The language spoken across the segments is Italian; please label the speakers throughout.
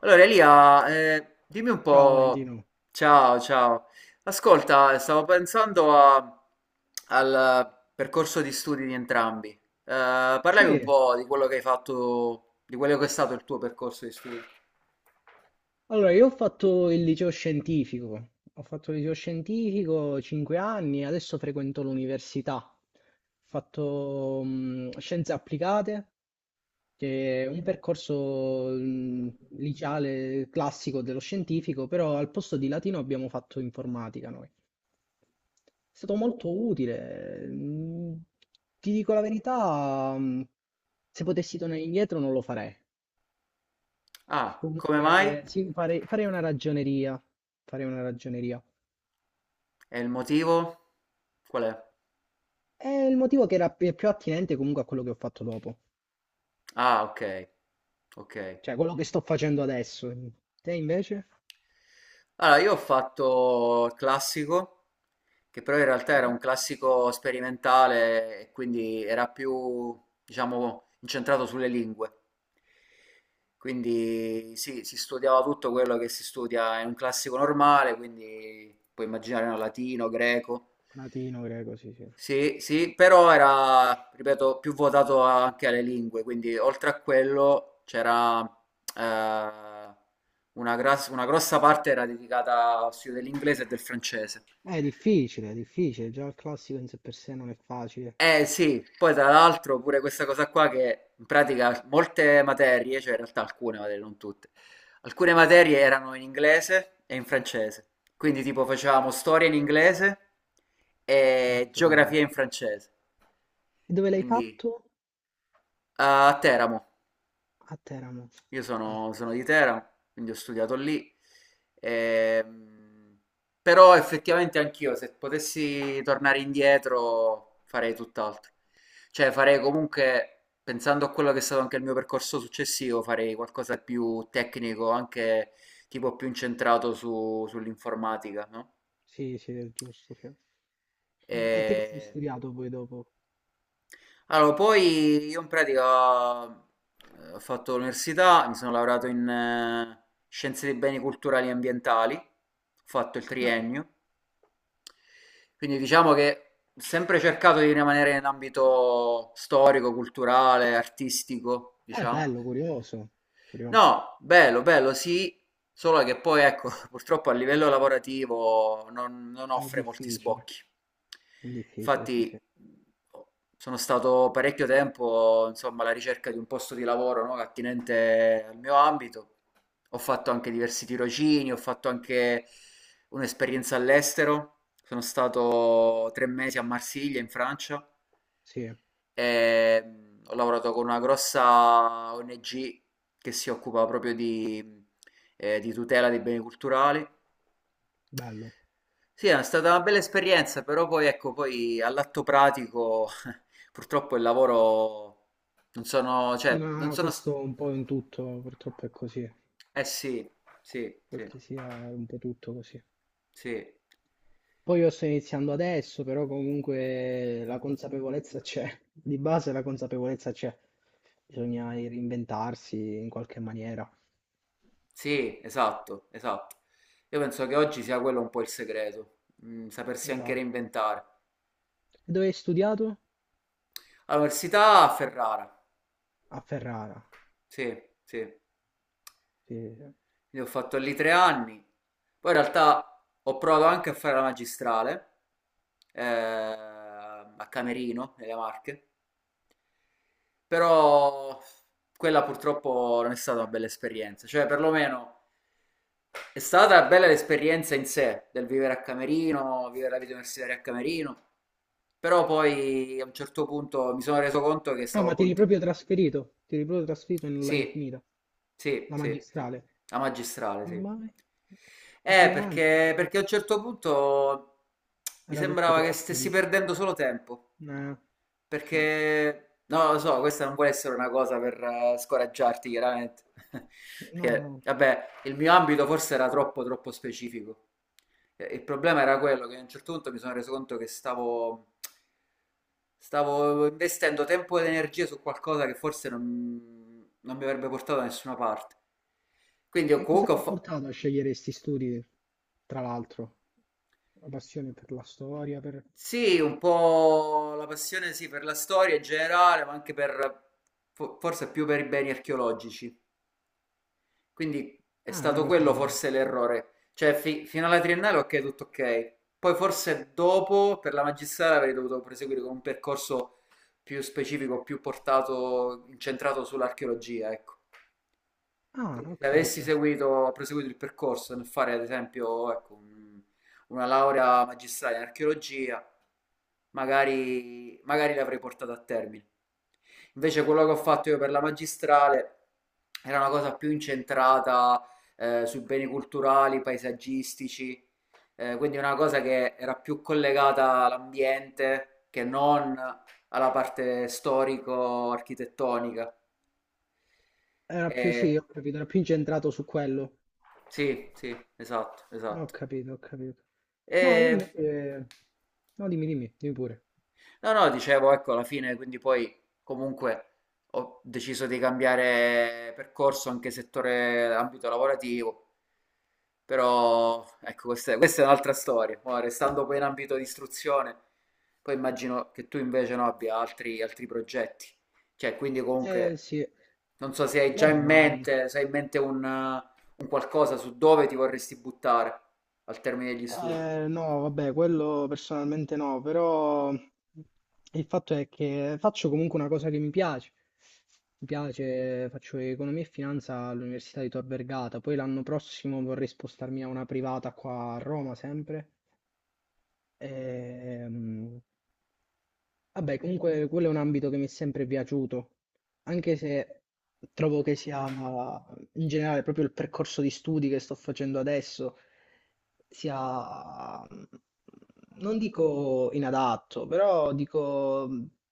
Speaker 1: Allora Elia, dimmi un
Speaker 2: Ciao
Speaker 1: po',
Speaker 2: Valentino.
Speaker 1: ciao ciao, ascolta, stavo pensando al percorso di studi di entrambi.
Speaker 2: Sì,
Speaker 1: Parlami un po' di quello che hai fatto, di quello che è stato il tuo percorso di studi.
Speaker 2: allora io ho fatto il liceo scientifico, ho fatto il liceo scientifico 5 anni, adesso frequento l'università. Ho fatto scienze applicate, che è un percorso liceale classico dello scientifico, però al posto di latino abbiamo fatto informatica noi. È stato molto utile. Ti dico la verità, se potessi tornare indietro non lo farei. Che
Speaker 1: Ah, come mai?
Speaker 2: comunque sì, farei una ragioneria. Farei una ragioneria.
Speaker 1: E il motivo? Qual è?
Speaker 2: È il motivo che era più attinente comunque a quello che ho fatto dopo,
Speaker 1: Ah, ok, ok.
Speaker 2: cioè quello che sto facendo adesso. Te invece?
Speaker 1: Allora, io ho fatto il classico, che però in realtà era
Speaker 2: Sì.
Speaker 1: un classico sperimentale, e quindi era più, diciamo, incentrato sulle lingue. Quindi sì, si studiava tutto quello che si studia in un classico normale, quindi puoi immaginare no, latino, greco.
Speaker 2: Latino, greco, sì, sì.
Speaker 1: Sì, sì, però era, ripeto, più votato anche alle lingue, quindi oltre a quello c'era eh, una, una grossa parte era dedicata allo studio dell'inglese e del francese.
Speaker 2: È difficile, già il classico in sé per sé non è facile.
Speaker 1: Eh sì, poi tra l'altro pure questa cosa qua che in pratica molte materie, cioè in realtà alcune materie, non tutte, alcune materie erano in inglese e in francese, quindi tipo facevamo storia in inglese e
Speaker 2: Mazza tela.
Speaker 1: geografia in francese,
Speaker 2: E dove l'hai
Speaker 1: quindi
Speaker 2: fatto?
Speaker 1: eh, a Teramo.
Speaker 2: A Teramo. Ah, sì,
Speaker 1: Sono di Teramo, quindi ho studiato lì. Ehm, però effettivamente anch'io, se potessi tornare indietro, farei tutt'altro. Cioè farei comunque, pensando a quello che è stato anche il mio percorso successivo, farei qualcosa di più tecnico, anche tipo più incentrato sull'informatica, no?
Speaker 2: sì, sì, è giusto. Sì.
Speaker 1: E
Speaker 2: E te cosa hai studiato poi dopo?
Speaker 1: allora, poi io in pratica ho fatto l'università, mi sono laureato in scienze dei beni culturali e ambientali, ho fatto il
Speaker 2: No,
Speaker 1: triennio, quindi diciamo che ho sempre cercato di rimanere in ambito storico, culturale, artistico,
Speaker 2: è
Speaker 1: diciamo.
Speaker 2: bello, curioso, curioso.
Speaker 1: No, bello, bello, sì, solo che poi ecco, purtroppo a livello lavorativo non
Speaker 2: È
Speaker 1: offre molti
Speaker 2: difficile,
Speaker 1: sbocchi.
Speaker 2: difficile, sì,
Speaker 1: Infatti
Speaker 2: sì.
Speaker 1: sono stato parecchio tempo, insomma, alla ricerca di un posto di lavoro, no, attinente al mio ambito. Ho fatto anche diversi tirocini, ho fatto anche un'esperienza all'estero. Sono stato 3 mesi a Marsiglia, in Francia.
Speaker 2: Sì,
Speaker 1: Ho lavorato con una grossa ONG che si occupa proprio di tutela dei beni culturali.
Speaker 2: bello.
Speaker 1: Sì, è stata una bella esperienza, però poi ecco, poi all'atto pratico purtroppo il lavoro non sono,
Speaker 2: Sì,
Speaker 1: cioè, non
Speaker 2: ma
Speaker 1: sono, s-
Speaker 2: questo un po' in tutto, purtroppo è così,
Speaker 1: eh sì, sì,
Speaker 2: quel
Speaker 1: sì,
Speaker 2: che sia un po' tutto così.
Speaker 1: sì,
Speaker 2: Poi io sto iniziando adesso, però comunque la consapevolezza c'è, di base la consapevolezza c'è. Bisogna reinventarsi in qualche maniera.
Speaker 1: sì, esatto, esatto. Io penso che oggi sia quello un po' il segreto, sapersi anche
Speaker 2: Esatto.
Speaker 1: reinventare.
Speaker 2: E dove hai studiato?
Speaker 1: All'università a Ferrara.
Speaker 2: A Ferrara.
Speaker 1: Sì, sì.
Speaker 2: Sì. Sì.
Speaker 1: Quindi ho fatto lì 3 anni. Poi in realtà ho provato anche a fare la magistrale a Camerino, nelle Marche, però quella purtroppo non è stata una bella esperienza. Cioè, perlomeno è stata bella l'esperienza in sé del vivere a Camerino, vivere la vita universitaria a Camerino, però poi a un certo punto mi sono reso conto che
Speaker 2: No,
Speaker 1: stavo
Speaker 2: ma ti eri
Speaker 1: continuando.
Speaker 2: proprio trasferito, ti eri proprio trasferito e non l'hai
Speaker 1: Sì,
Speaker 2: finita,
Speaker 1: sì,
Speaker 2: la
Speaker 1: sì, sì.
Speaker 2: magistrale.
Speaker 1: La magistrale,
Speaker 2: Come
Speaker 1: sì.
Speaker 2: mai? Per 2 anni,
Speaker 1: Perché a un certo punto mi
Speaker 2: era tutto
Speaker 1: sembrava che
Speaker 2: troppo,
Speaker 1: stessi
Speaker 2: dici.
Speaker 1: perdendo solo tempo.
Speaker 2: Eh, sì.
Speaker 1: Perché, no, lo so, questa non vuole essere una cosa per scoraggiarti, chiaramente.
Speaker 2: No,
Speaker 1: Perché,
Speaker 2: no.
Speaker 1: vabbè, il mio ambito forse era troppo, troppo specifico. Il problema era quello che a un certo punto mi sono reso conto che stavo, stavo investendo tempo ed energie su qualcosa che forse non mi avrebbe portato da nessuna parte.
Speaker 2: E cosa ti
Speaker 1: Comunque
Speaker 2: ha portato a scegliere questi studi, tra l'altro? La passione per la storia, per...
Speaker 1: sì, un po' la passione sì, per la storia in generale, ma anche per... forse più per i beni archeologici. Quindi è
Speaker 2: Ah, è una
Speaker 1: stato
Speaker 2: cosa
Speaker 1: quello
Speaker 2: lunga.
Speaker 1: forse l'errore. Cioè, fino alla triennale ok, tutto ok. Poi forse dopo, per la magistrale, avrei dovuto proseguire con un percorso più specifico, più portato, incentrato sull'archeologia, ecco.
Speaker 2: Ah,
Speaker 1: Quindi
Speaker 2: ho
Speaker 1: se avessi
Speaker 2: capito.
Speaker 1: seguito, proseguito il percorso nel fare ad esempio ecco, una laurea magistrale in archeologia, magari, magari l'avrei portata a termine. Invece quello che ho fatto io per la magistrale era una cosa più incentrata su beni culturali, paesaggistici, quindi una cosa che era più collegata all'ambiente che non alla parte storico-architettonica.
Speaker 2: Era più,
Speaker 1: E
Speaker 2: sì, ho capito, era più incentrato su quello.
Speaker 1: sì, sì, esatto,
Speaker 2: Ho
Speaker 1: esatto.
Speaker 2: capito, ho capito. No, io
Speaker 1: E
Speaker 2: invece... No, dimmi, dimmi, dimmi pure.
Speaker 1: no, no, dicevo, ecco, alla fine, quindi poi comunque ho deciso di cambiare percorso anche settore, ambito lavorativo, però ecco, questa è un'altra storia. Ora, restando poi in ambito di istruzione, poi immagino che tu invece no, abbia altri progetti. Cioè, quindi comunque,
Speaker 2: Sì.
Speaker 1: non so se hai già
Speaker 2: Vabbè,
Speaker 1: in
Speaker 2: ma...
Speaker 1: mente, se hai in mente un qualcosa su dove ti vorresti buttare al termine degli studi.
Speaker 2: No, vabbè, quello personalmente no, però il fatto è che faccio comunque una cosa che mi piace. Mi piace, faccio economia e finanza all'Università di Tor Vergata, poi l'anno prossimo vorrei spostarmi a una privata qua a Roma sempre. Ehm, Vabbè, comunque quello è un ambito che mi è sempre piaciuto, anche se trovo che sia in generale proprio il percorso di studi che sto facendo adesso sia, non dico inadatto, però dico,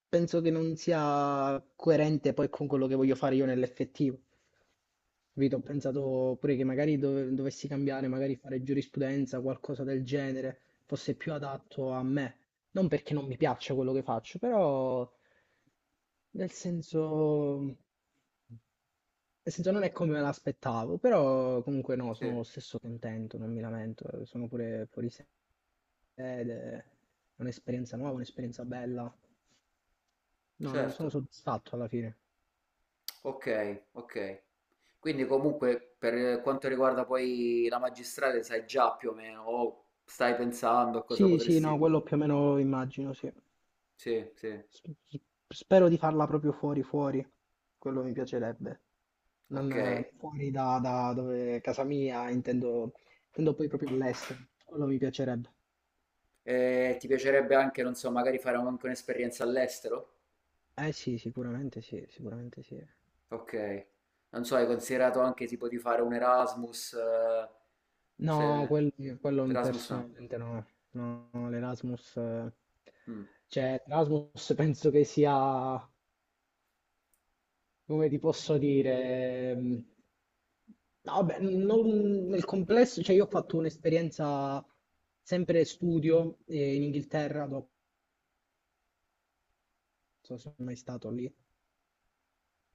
Speaker 2: penso che non sia coerente poi con quello che voglio fare io nell'effettivo. Capito? Ho pensato pure che magari dovessi cambiare, magari fare giurisprudenza, qualcosa del genere, fosse più adatto a me. Non perché non mi piaccia quello che faccio, però nel senso non è come me l'aspettavo, però comunque no,
Speaker 1: Sì,
Speaker 2: sono lo stesso contento, non mi lamento, sono pure fuori sede, ed è un'esperienza nuova, un'esperienza bella. No, non sono
Speaker 1: certo.
Speaker 2: soddisfatto alla fine.
Speaker 1: Ok, ok. Quindi comunque per quanto riguarda poi la magistrale sai già più o meno, o stai pensando a cosa
Speaker 2: Sì, sì,
Speaker 1: potresti...
Speaker 2: no, quello più o meno immagino, sì.
Speaker 1: Sì, sì,
Speaker 2: S- s- Spero di farla proprio fuori, fuori. Quello mi piacerebbe. Non
Speaker 1: ok.
Speaker 2: fuori da, da dove casa mia, intendo, intendo poi proprio all'estero. Quello mi piacerebbe.
Speaker 1: E ti piacerebbe anche, non so, magari fare anche un'esperienza all'estero?
Speaker 2: Eh sì, sicuramente sì, sicuramente sì.
Speaker 1: Ok. Non so, hai considerato anche tipo di fare un Erasmus?
Speaker 2: No,
Speaker 1: Se...
Speaker 2: quello
Speaker 1: Erasmus no.
Speaker 2: personalmente no. No, no, l'Erasmus,
Speaker 1: Mm,
Speaker 2: cioè Erasmus penso che sia, come ti posso dire, no, vabbè, nel complesso, cioè io ho fatto un'esperienza sempre studio in Inghilterra, dopo non so se sono mai stato lì,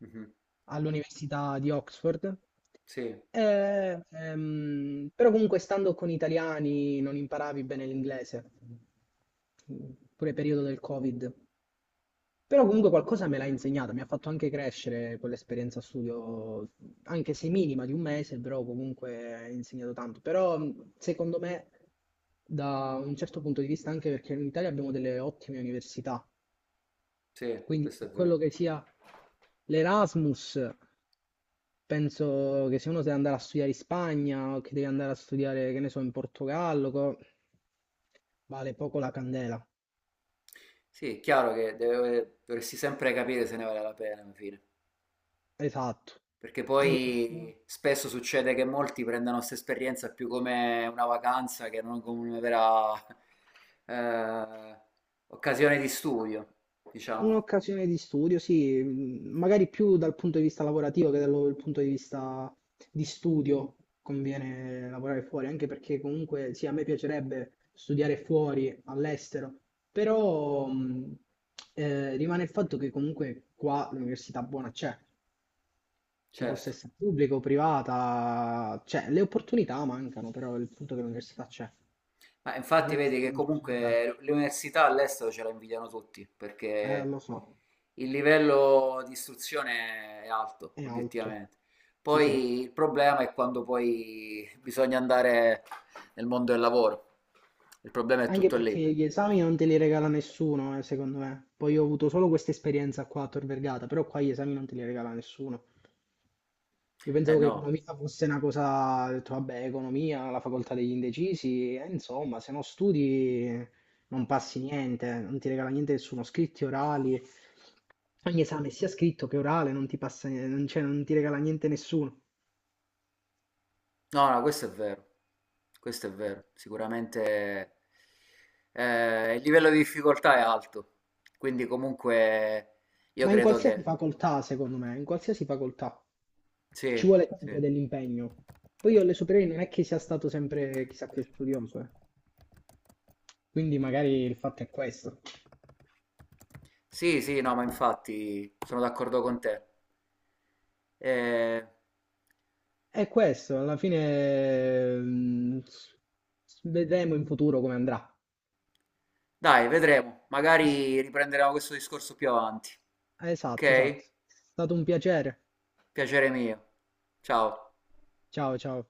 Speaker 1: mhm.
Speaker 2: all'università di Oxford.
Speaker 1: Sì,
Speaker 2: E, però comunque stando con italiani non imparavi bene l'inglese, pure periodo del Covid. Però comunque qualcosa me l'ha insegnata, mi ha fatto anche crescere quell'esperienza a studio, anche se minima di 1 mese, però comunque ha insegnato tanto. Però secondo me, da un certo punto di vista, anche perché in Italia abbiamo delle ottime università,
Speaker 1: sì,
Speaker 2: quindi
Speaker 1: questo è
Speaker 2: per quello
Speaker 1: vero.
Speaker 2: che sia l'Erasmus, penso che se uno deve andare a studiare in Spagna o che deve andare a studiare, che ne so, in Portogallo, vale poco la candela.
Speaker 1: Sì, è chiaro che dovresti sempre capire se ne vale la pena alla fine,
Speaker 2: Esatto.
Speaker 1: perché
Speaker 2: Perché
Speaker 1: poi spesso succede che molti prendano questa esperienza più come una vacanza che non come una vera eh, occasione di studio, diciamo,
Speaker 2: un'occasione di studio, sì, magari più dal punto di vista lavorativo che dal punto di vista di studio conviene lavorare fuori, anche perché comunque sì, a me piacerebbe studiare fuori, all'estero, però rimane il fatto che comunque qua l'università buona c'è, che possa
Speaker 1: certo.
Speaker 2: essere pubblica o privata, cioè le opportunità mancano, però il punto è che l'università c'è. A
Speaker 1: Ma infatti
Speaker 2: me
Speaker 1: vedi che
Speaker 2: non ci sono idee.
Speaker 1: comunque le università all'estero ce la invidiano tutti, perché
Speaker 2: Lo so,
Speaker 1: il livello di istruzione è alto,
Speaker 2: è alto.
Speaker 1: obiettivamente.
Speaker 2: Sì, sì.
Speaker 1: Poi il problema è quando poi bisogna andare nel mondo del lavoro. Il problema è
Speaker 2: Anche
Speaker 1: tutto
Speaker 2: perché
Speaker 1: lì.
Speaker 2: gli esami non te li regala nessuno, secondo me. Poi io ho avuto solo questa esperienza qua a Tor Vergata, però qua gli esami non te li regala nessuno. Io
Speaker 1: Eh
Speaker 2: pensavo che
Speaker 1: no,
Speaker 2: economia fosse una cosa, ho detto, vabbè, economia, la facoltà degli indecisi, insomma, se non studi non passi niente, non ti regala niente nessuno, scritti orali, ogni esame sia scritto che orale non ti passa, non, cioè, non ti regala niente nessuno.
Speaker 1: no, no, questo è vero. Questo è vero. Sicuramente il livello di difficoltà è alto. Quindi comunque io
Speaker 2: Ma in
Speaker 1: credo
Speaker 2: qualsiasi
Speaker 1: che...
Speaker 2: facoltà, secondo me, in qualsiasi facoltà
Speaker 1: Sì,
Speaker 2: ci vuole sempre
Speaker 1: sì.
Speaker 2: dell'impegno. Poi io alle superiori non è che sia stato sempre chissà che studioso, eh. Quindi magari il fatto è questo.
Speaker 1: Sì, sì, no, ma infatti sono d'accordo con te. Eh,
Speaker 2: È questo, alla fine vedremo in futuro come andrà.
Speaker 1: dai, vedremo. Magari riprenderemo questo discorso più avanti.
Speaker 2: Esatto, esatto.
Speaker 1: Ok?
Speaker 2: È stato un piacere.
Speaker 1: Piacere mio. Ciao.
Speaker 2: Ciao, ciao.